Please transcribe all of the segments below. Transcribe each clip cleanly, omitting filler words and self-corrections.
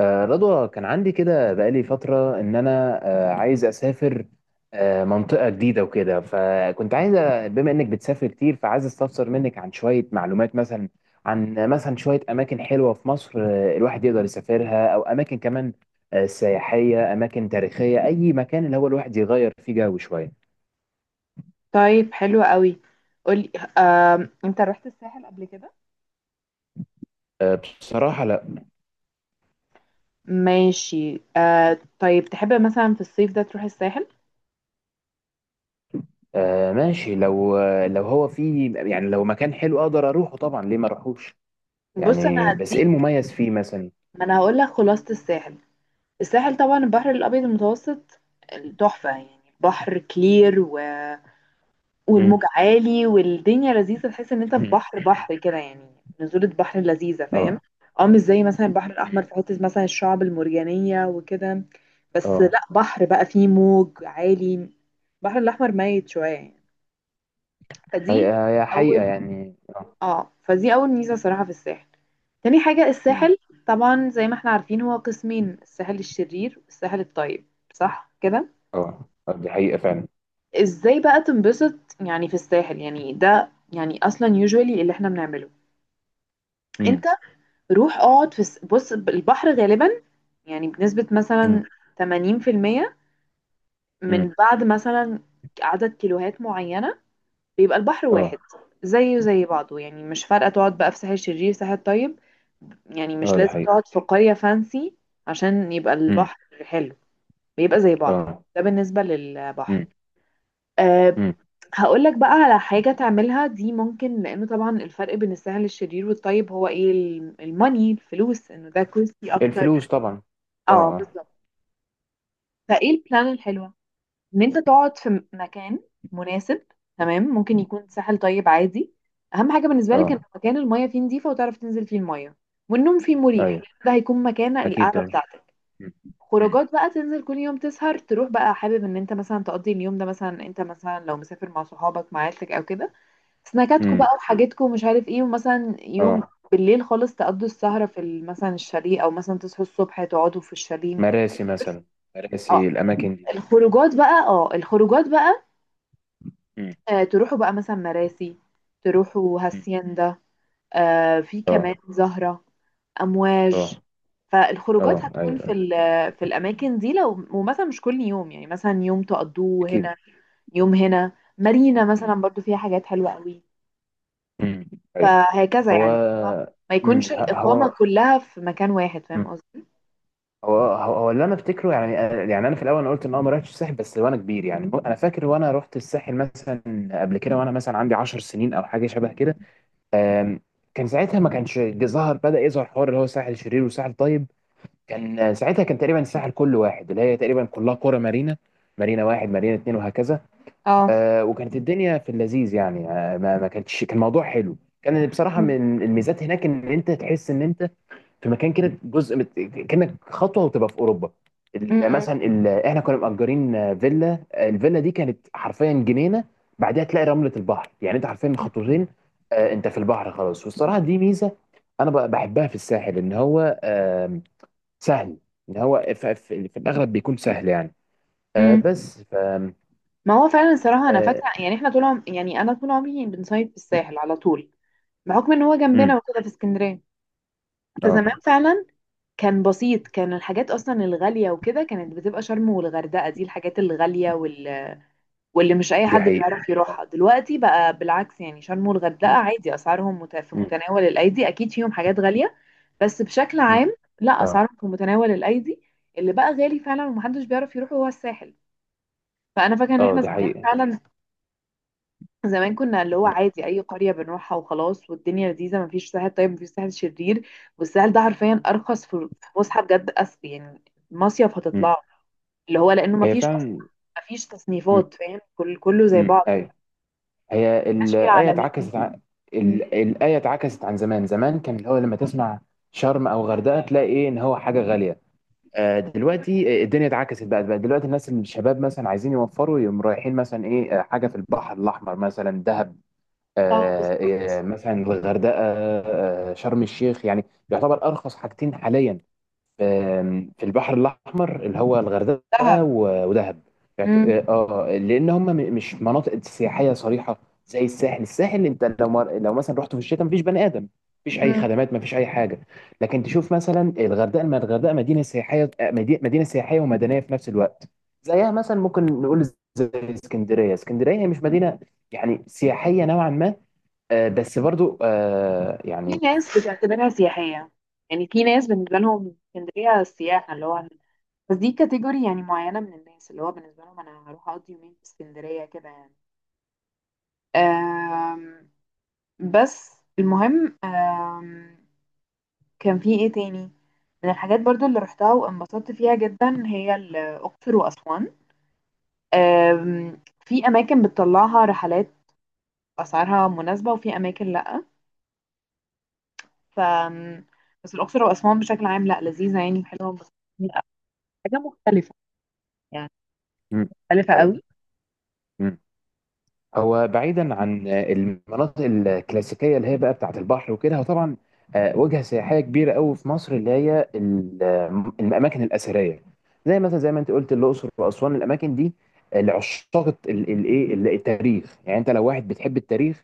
رضوى، كان عندي كده بقالي فترة إن أنا عايز أسافر منطقة جديدة وكده. فكنت عايز بما إنك بتسافر كتير، فعايز أستفسر منك عن شوية معلومات. مثلا عن مثلا شوية أماكن حلوة في مصر، الواحد يقدر يسافرها، أو أماكن كمان سياحية، أماكن تاريخية، أي مكان اللي هو الواحد يغير فيه جو شوية. طيب، حلو قوي. قولي، انت رحت الساحل قبل كده؟ آه، بصراحة لا. ماشي. طيب، تحب مثلا في الصيف ده تروح الساحل؟ ماشي، لو لو هو فيه، يعني لو مكان حلو أقدر أروحه طبعا، ليه ما أروحوش؟ بص، انا يعني بس إيه هديك. المميز فيه مثلا؟ ما انا هقول لك خلاصة الساحل. الساحل طبعا البحر الابيض المتوسط تحفة، يعني بحر كلير. والموج عالي والدنيا لذيذة، تحس ان انت في مم. بحر بحر كده يعني. نزولة بحر لذيذة، فاهم. اه. اه، مش زي مثلا البحر الأحمر مم. في حتة مثلا الشعب المرجانية وكده. بس اه. لا، بحر بقى فيه موج عالي. البحر الأحمر ميت شوية يعني. فدي هي أول حقيقة يعني، اه. اه فدي أول ميزة صراحة في الساحل. تاني حاجة، مم. الساحل طبعا زي ما احنا عارفين هو قسمين: الساحل الشرير والساحل الطيب. صح كده؟ اه. دي حقيقة فعلا. ازاي بقى تنبسط يعني في الساحل، يعني ده يعني اصلا يوجوالي اللي احنا بنعمله. أنت مم. روح اقعد بُص البحر غالبًا، يعني بنسبة مم. مثلًا 80% مم. من بعد مثلًا عدد كيلوهات معيّنة بيبقى البحر واحد، اه. زيه زي بعضه، يعني مش فارقة تقعد بقى في ساحل شرير، ساحل طيب، يعني مش اه دي لازم حقيقة. تقعد في قرية fancy عشان يبقى مم. البحر حلو، بيبقى زي بعضه، اه. ده بالنسبة للبحر. مم. آآ، مم. هاقول لك بقى على حاجة تعملها دي، ممكن لإنه طبعًا الفرق بين الساحل الشرير والطيب هو إيه ال الmoney، الفلوس، إنه ده costly الفلوس أكتر. طبعا. اه، اه اه. بالظبط. فايه البلان الحلوه ان انت تقعد في مكان مناسب. تمام، ممكن يكون ساحل طيب عادي. اهم حاجه بالنسبه لك ان اه. مكان المايه فيه نظيفه وتعرف تنزل فيه المايه، والنوم فيه مريح ايوه، لأن ده هيكون مكان اكيد القعده طبعا. بتاعتك. مم. مم. خروجات بقى، تنزل كل يوم تسهر، تروح بقى حابب ان انت مثلا تقضي اليوم ده، مثلا انت مثلا لو مسافر مع صحابك مع عيلتك او كده. سناكاتكو امم. بقى وحاجاتكو ومش عارف ايه، ومثلا يوم اه. بالليل خالص تقضوا السهرة مثلا الشاليه، او مثلا تصحوا الصبح تقعدوا في الشاليه. مراسي مثلا، آه، مراسي، الاماكن دي. الخروجات بقى، مم. تروحوا بقى مثلا مراسي، تروحوا مم. هاسيندا. في كمان اه. زهرة، اه. امواج. اه. فالخروجات هتكون ايوه، في الاماكن دي، لو ومثلا مش كل يوم، يعني مثلا يوم تقضوه اكيد. هنا، يوم هنا. مارينا مم. مثلا برضو فيها حاجات حلوة قوي. امم. ايوه. فهكذا هو. يعني، ما امم، يكونش الإقامة هو. كلها في مكان واحد، فاهم مم. قصدي. هو اللي انا افتكره يعني. يعني انا في الاول انا قلت ان انا ما رحتش الساحل، بس وانا كبير يعني. انا فاكر وانا رحت الساحل مثلا قبل كده، وانا مثلا عندي 10 سنين او حاجه شبه كده. آم، كان ساعتها ما كانش ظهر، بدا يظهر حوار اللي هو ساحل شرير وساحل طيب. كان ساعتها كان تقريبا الساحل كله واحد، اللي هي تقريبا كلها قرى مارينا. مارينا واحد، مارينا اتنين، وهكذا. اه، وكانت الدنيا في اللذيذ يعني. ما كانتش، كان الموضوع حلو. كان بصراحه م- من الميزات هناك ان انت تحس ان انت في مكان كده جزء كانك خطوه وتبقى في اوروبا. م- مثلا احنا كنا مأجرين فيلا، الفيلا دي كانت حرفيا جنينه بعدها تلاقي رمله البحر. يعني انت حرفيا م- خطوتين انت في البحر خلاص. والصراحه دي ميزه انا بحبها في الساحل، ان هو سهل. ان هو في الاغلب بيكون سهل يعني. آه، م- بس ف ما هو فعلا الصراحة، أنا اه. فاكرة يعني إحنا يعني أنا طول عمري بنصيف في الساحل على طول، بحكم إن هو مم. جنبنا وكده في اسكندرية. آه، فزمان فعلا كان بسيط، كان الحاجات أصلا الغالية وكده كانت بتبقى شرم والغردقة، دي الحاجات الغالية واللي مش أي دي حد حقيقه. بيعرف اه. يروحها. دلوقتي بقى بالعكس، يعني شرم والغردقة مم. عادي أسعارهم في مم. متناول الأيدي، أكيد فيهم حاجات غالية. بس بشكل مم. عام، لا اه. أسعارهم في متناول الأيدي. اللي بقى غالي فعلا ومحدش بيعرف يروح هو الساحل. فأنا فاكرة إن اه إحنا دي زمان حقيقه. فعلا، زمان كنا اللي هو مم. عادي اي قريه بنروحها وخلاص والدنيا لذيذه، مفيش ساحل طيب مفيش ساحل شرير. والساحل ده حرفيا ارخص في فسحه، بجد يعني مصيف مم. هتطلع اللي هو لانه هي مفيش اصلا، فعلا. مفيش مم. تصنيفات، فاهم؟ كله زي مم. بعضه ايوه. يعني. هي مفيش فيه الآية عالمين. اتعكست عن مم. الآية اتعكست عن زمان. زمان كان اللي هو لما تسمع شرم أو غردقة تلاقي إيه، إن هو حاجة غالية. دلوقتي الدنيا اتعكست بقى. بقى دلوقتي الناس الشباب مثلا عايزين يوفروا، يقوم رايحين مثلا إيه حاجة في البحر الأحمر، مثلا دهب اه، بالظبط. مثلا الغردقة، شرم الشيخ. يعني يعتبر أرخص حاجتين حاليا في البحر الأحمر، اللي هو الغردقة دهب. ودهب. مم. اه. لأن هم مش مناطق سياحية صريحة زي الساحل. الساحل أنت لو لو مثلا رحت في الشتاء مفيش بني آدم، مفيش أي مم. خدمات، مفيش أي حاجة. لكن تشوف مثلا الغردقة، الغردقة مدينة سياحية، مدينة سياحية ومدنية في نفس الوقت. زيها مثلا ممكن نقول زي اسكندرية. اسكندرية هي مش مدينة، يعني سياحية نوعا ما. بس برضو في يعني. ناس بتعتبرها سياحيه، يعني في ناس بالنسبه لهم اسكندريه سياحه اللي هو. بس دي كاتيجوري يعني معينه من الناس اللي هو بالنسبه لهم انا هروح اقضي يومين في اسكندريه كده يعني. آم، بس المهم، كان في ايه تاني من الحاجات برضو اللي رحتها وانبسطت فيها جدا؟ هي الأقصر وأسوان. آم، في أماكن بتطلعها رحلات أسعارها مناسبة وفي أماكن لأ ف بس الأقصر وأسوان بشكل عام، لأ لذيذة يعني، حلوة بس لا، حاجة مختلفة يعني، مم. مختلفة قوي. ايوه. هو بعيدا عن المناطق الكلاسيكيه اللي هي بقى بتاعه البحر وكده، هو طبعا وجهه سياحيه كبيره قوي في مصر، اللي هي الاماكن الاثريه زي مثلا زي ما انت قلت، الاقصر واسوان. الاماكن دي لعشاق الايه، التاريخ. يعني انت لو واحد بتحب التاريخ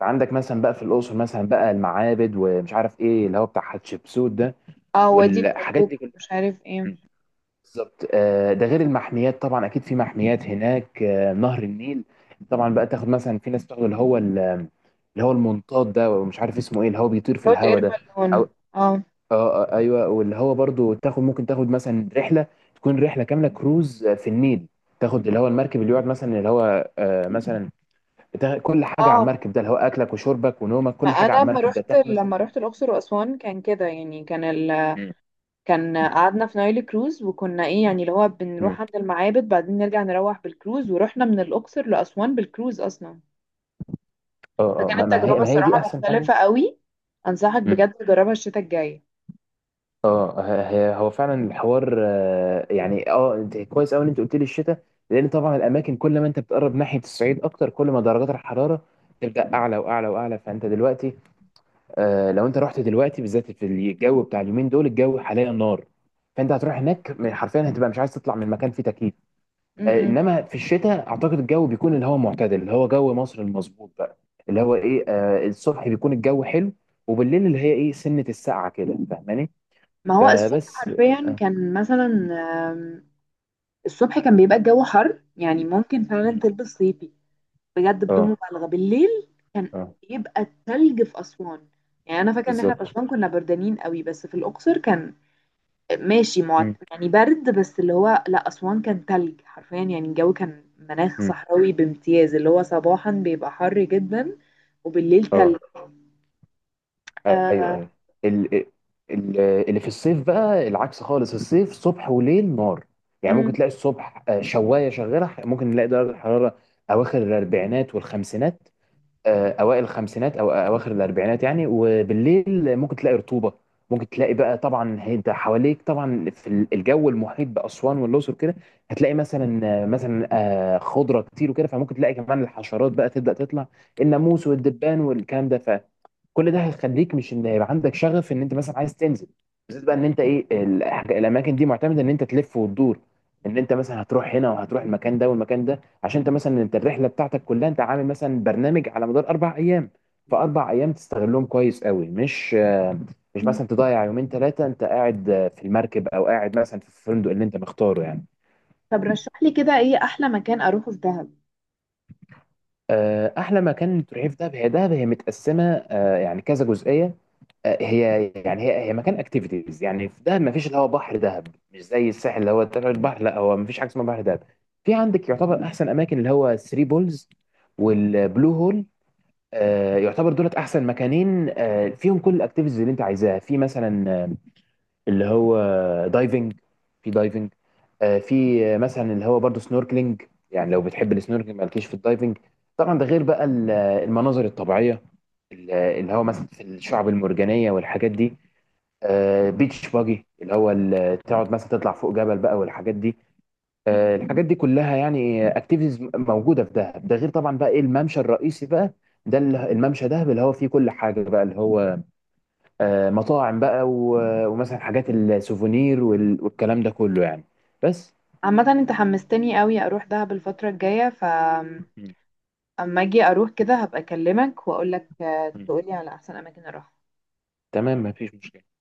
فعندك مثلا بقى في الاقصر مثلا بقى المعابد، ومش عارف ايه اللي هو بتاع حتشبسوت ده، اه، وادي والحاجات الملوك دي ومش عارف ايه. كلها. بالظبط. ده غير المحميات طبعا. اكيد في محميات هناك، نهر النيل، طبعا بقى تاخد مثلا. في ناس بتاخد اللي هو اللي هو المنطاد ده، ومش عارف اسمه ايه، اللي هو بيطير في بتقعد اير الهوا ده، او. بالون. اه، آه ايوه. واللي هو برضو تاخد، ممكن تاخد مثلا رحله تكون رحله كامله كروز في النيل. تاخد اللي هو المركب اللي يقعد مثلا اللي هو مثلا كل حاجه على اه، المركب ده اللي هو اكلك وشربك ونومك، ما كل حاجه على انا لما المركب ده رحت تاخد مثلا. لما رحت الاقصر واسوان كان كده يعني، كان مم. كان قعدنا في نايل كروز وكنا ايه يعني اللي هو مم. بنروح عند المعابد بعدين نرجع نروح بالكروز، ورحنا من الأقصر لأسوان بالكروز أصلا. اه اه. ما فكانت ما هي تجربة ما هي دي صراحة احسن حاجه. مختلفة قوي. أنصحك بجد تجربها الشتاء الجاي. اه. هو فعلا الحوار. يعني اه، انت كويس قوي ان انت قلت لي الشتاء، لان طبعا الاماكن كل ما انت بتقرب ناحيه الصعيد اكتر كل ما درجات الحراره تبدا اعلى واعلى واعلى. فانت دلوقتي لو انت رحت دلوقتي بالذات في الجو بتاع اليومين دول، الجو حاليا نار. فانت هتروح هناك حرفيا هتبقى مش عايز تطلع من مكان فيه تكييف. م-م. انما في الشتاء اعتقد الجو بيكون اللي هو معتدل، اللي هو جو مصر المظبوط بقى، اللي هو ايه الصبح بيكون الجو حلو وبالليل اللي هي ايه سنه السقعه كده، فاهماني؟ ما هو الصبح فبس حرفيا آه، كان مثلا آم، الصبح كان بيبقى الجو حر يعني ممكن فعلا مم. تلبس صيفي. بجد بدون اه. مبالغة، بالليل كان اه بيبقى التلج في أسوان. يعني أنا فاكرة إن احنا في بالظبط. أسوان كنا بردانين قوي، بس في الأقصر كان ماشي مم. يعني برد، بس اللي هو لا، أسوان كان تلج حرفيا يعني الجو كان مناخ مم. صحراوي بامتياز، اللي هو صباحا بيبقى حر جدا وبالليل تلج. اه. ايوه. آه... ايوه. ال... اللي في الصيف بقى العكس خالص. الصيف صبح وليل نار. يعني ممكن مم. تلاقي الصبح شوايه شغاله، ممكن نلاقي درجه الحراره اواخر الاربعينات والخمسينات. اوائل الخمسينات او اواخر الاربعينات يعني. وبالليل ممكن تلاقي رطوبه، ممكن تلاقي بقى. طبعا انت حواليك طبعا في الجو المحيط باسوان والاقصر كده، هتلاقي مثلا مثلا خضره كتير وكده، فممكن تلاقي كمان الحشرات بقى تبدا تطلع، الناموس والدبان والكلام ده. كل ده هيخليك مش ان يبقى عندك شغف ان انت مثلا عايز تنزل، بالذات بقى ان انت ايه الاماكن دي معتمده ان انت تلف وتدور، ان انت مثلا هتروح هنا وهتروح المكان ده والمكان ده. عشان انت مثلا انت الرحله بتاعتك كلها انت عامل مثلا برنامج على مدار اربع ايام، فاربع ايام تستغلهم كويس قوي، مش مش مم. مثلا تضيع يومين ثلاثه انت قاعد في المركب، او قاعد مثلا في الفندق اللي انت مختاره يعني. طب، رشح لي كده، ايه احلى مكان اروحه في دهب؟ احلى مكان تروحيه في دهب، هي دهب هي متقسمه يعني كذا جزئيه. هي يعني هي مكان اكتيفيتيز. يعني في دهب ما فيش اللي هو بحر دهب مش زي الساحل اللي هو تبع البحر، لا. هو ما فيش حاجه اسمها بحر دهب. في عندك يعتبر احسن اماكن اللي هو 3 بولز والبلو هول. يعتبر دولت احسن مكانين فيهم كل الاكتيفيتيز اللي انت عايزاها، في مثلا اللي هو دايفنج. في دايفنج، آه، في آه، مثلا اللي هو برضو سنوركلينج. يعني لو بتحب السنوركلينج مالكيش في الدايفنج. طبعا ده غير بقى المناظر الطبيعيه، اللي هو مثلا في الشعب المرجانيه والحاجات دي. بيتش باجي، اللي هو تقعد مثلا تطلع فوق جبل بقى والحاجات دي. مم. الحاجات دي كلها يعني اكتيفيتيز موجوده في دهب. ده غير طبعا بقى ايه الممشى الرئيسي بقى، ده الممشى دهب اللي هو فيه كل حاجه بقى، اللي هو مطاعم بقى ومثلا حاجات السوفونير والكلام ده كله يعني. بس. عامة انت حمستني قوي اروح دهب الفترة الجاية. مم. اما اجي اروح كده هبقى اكلمك واقول لك مم. تقولي على احسن اماكن اروح تمام، مفيش مشكله.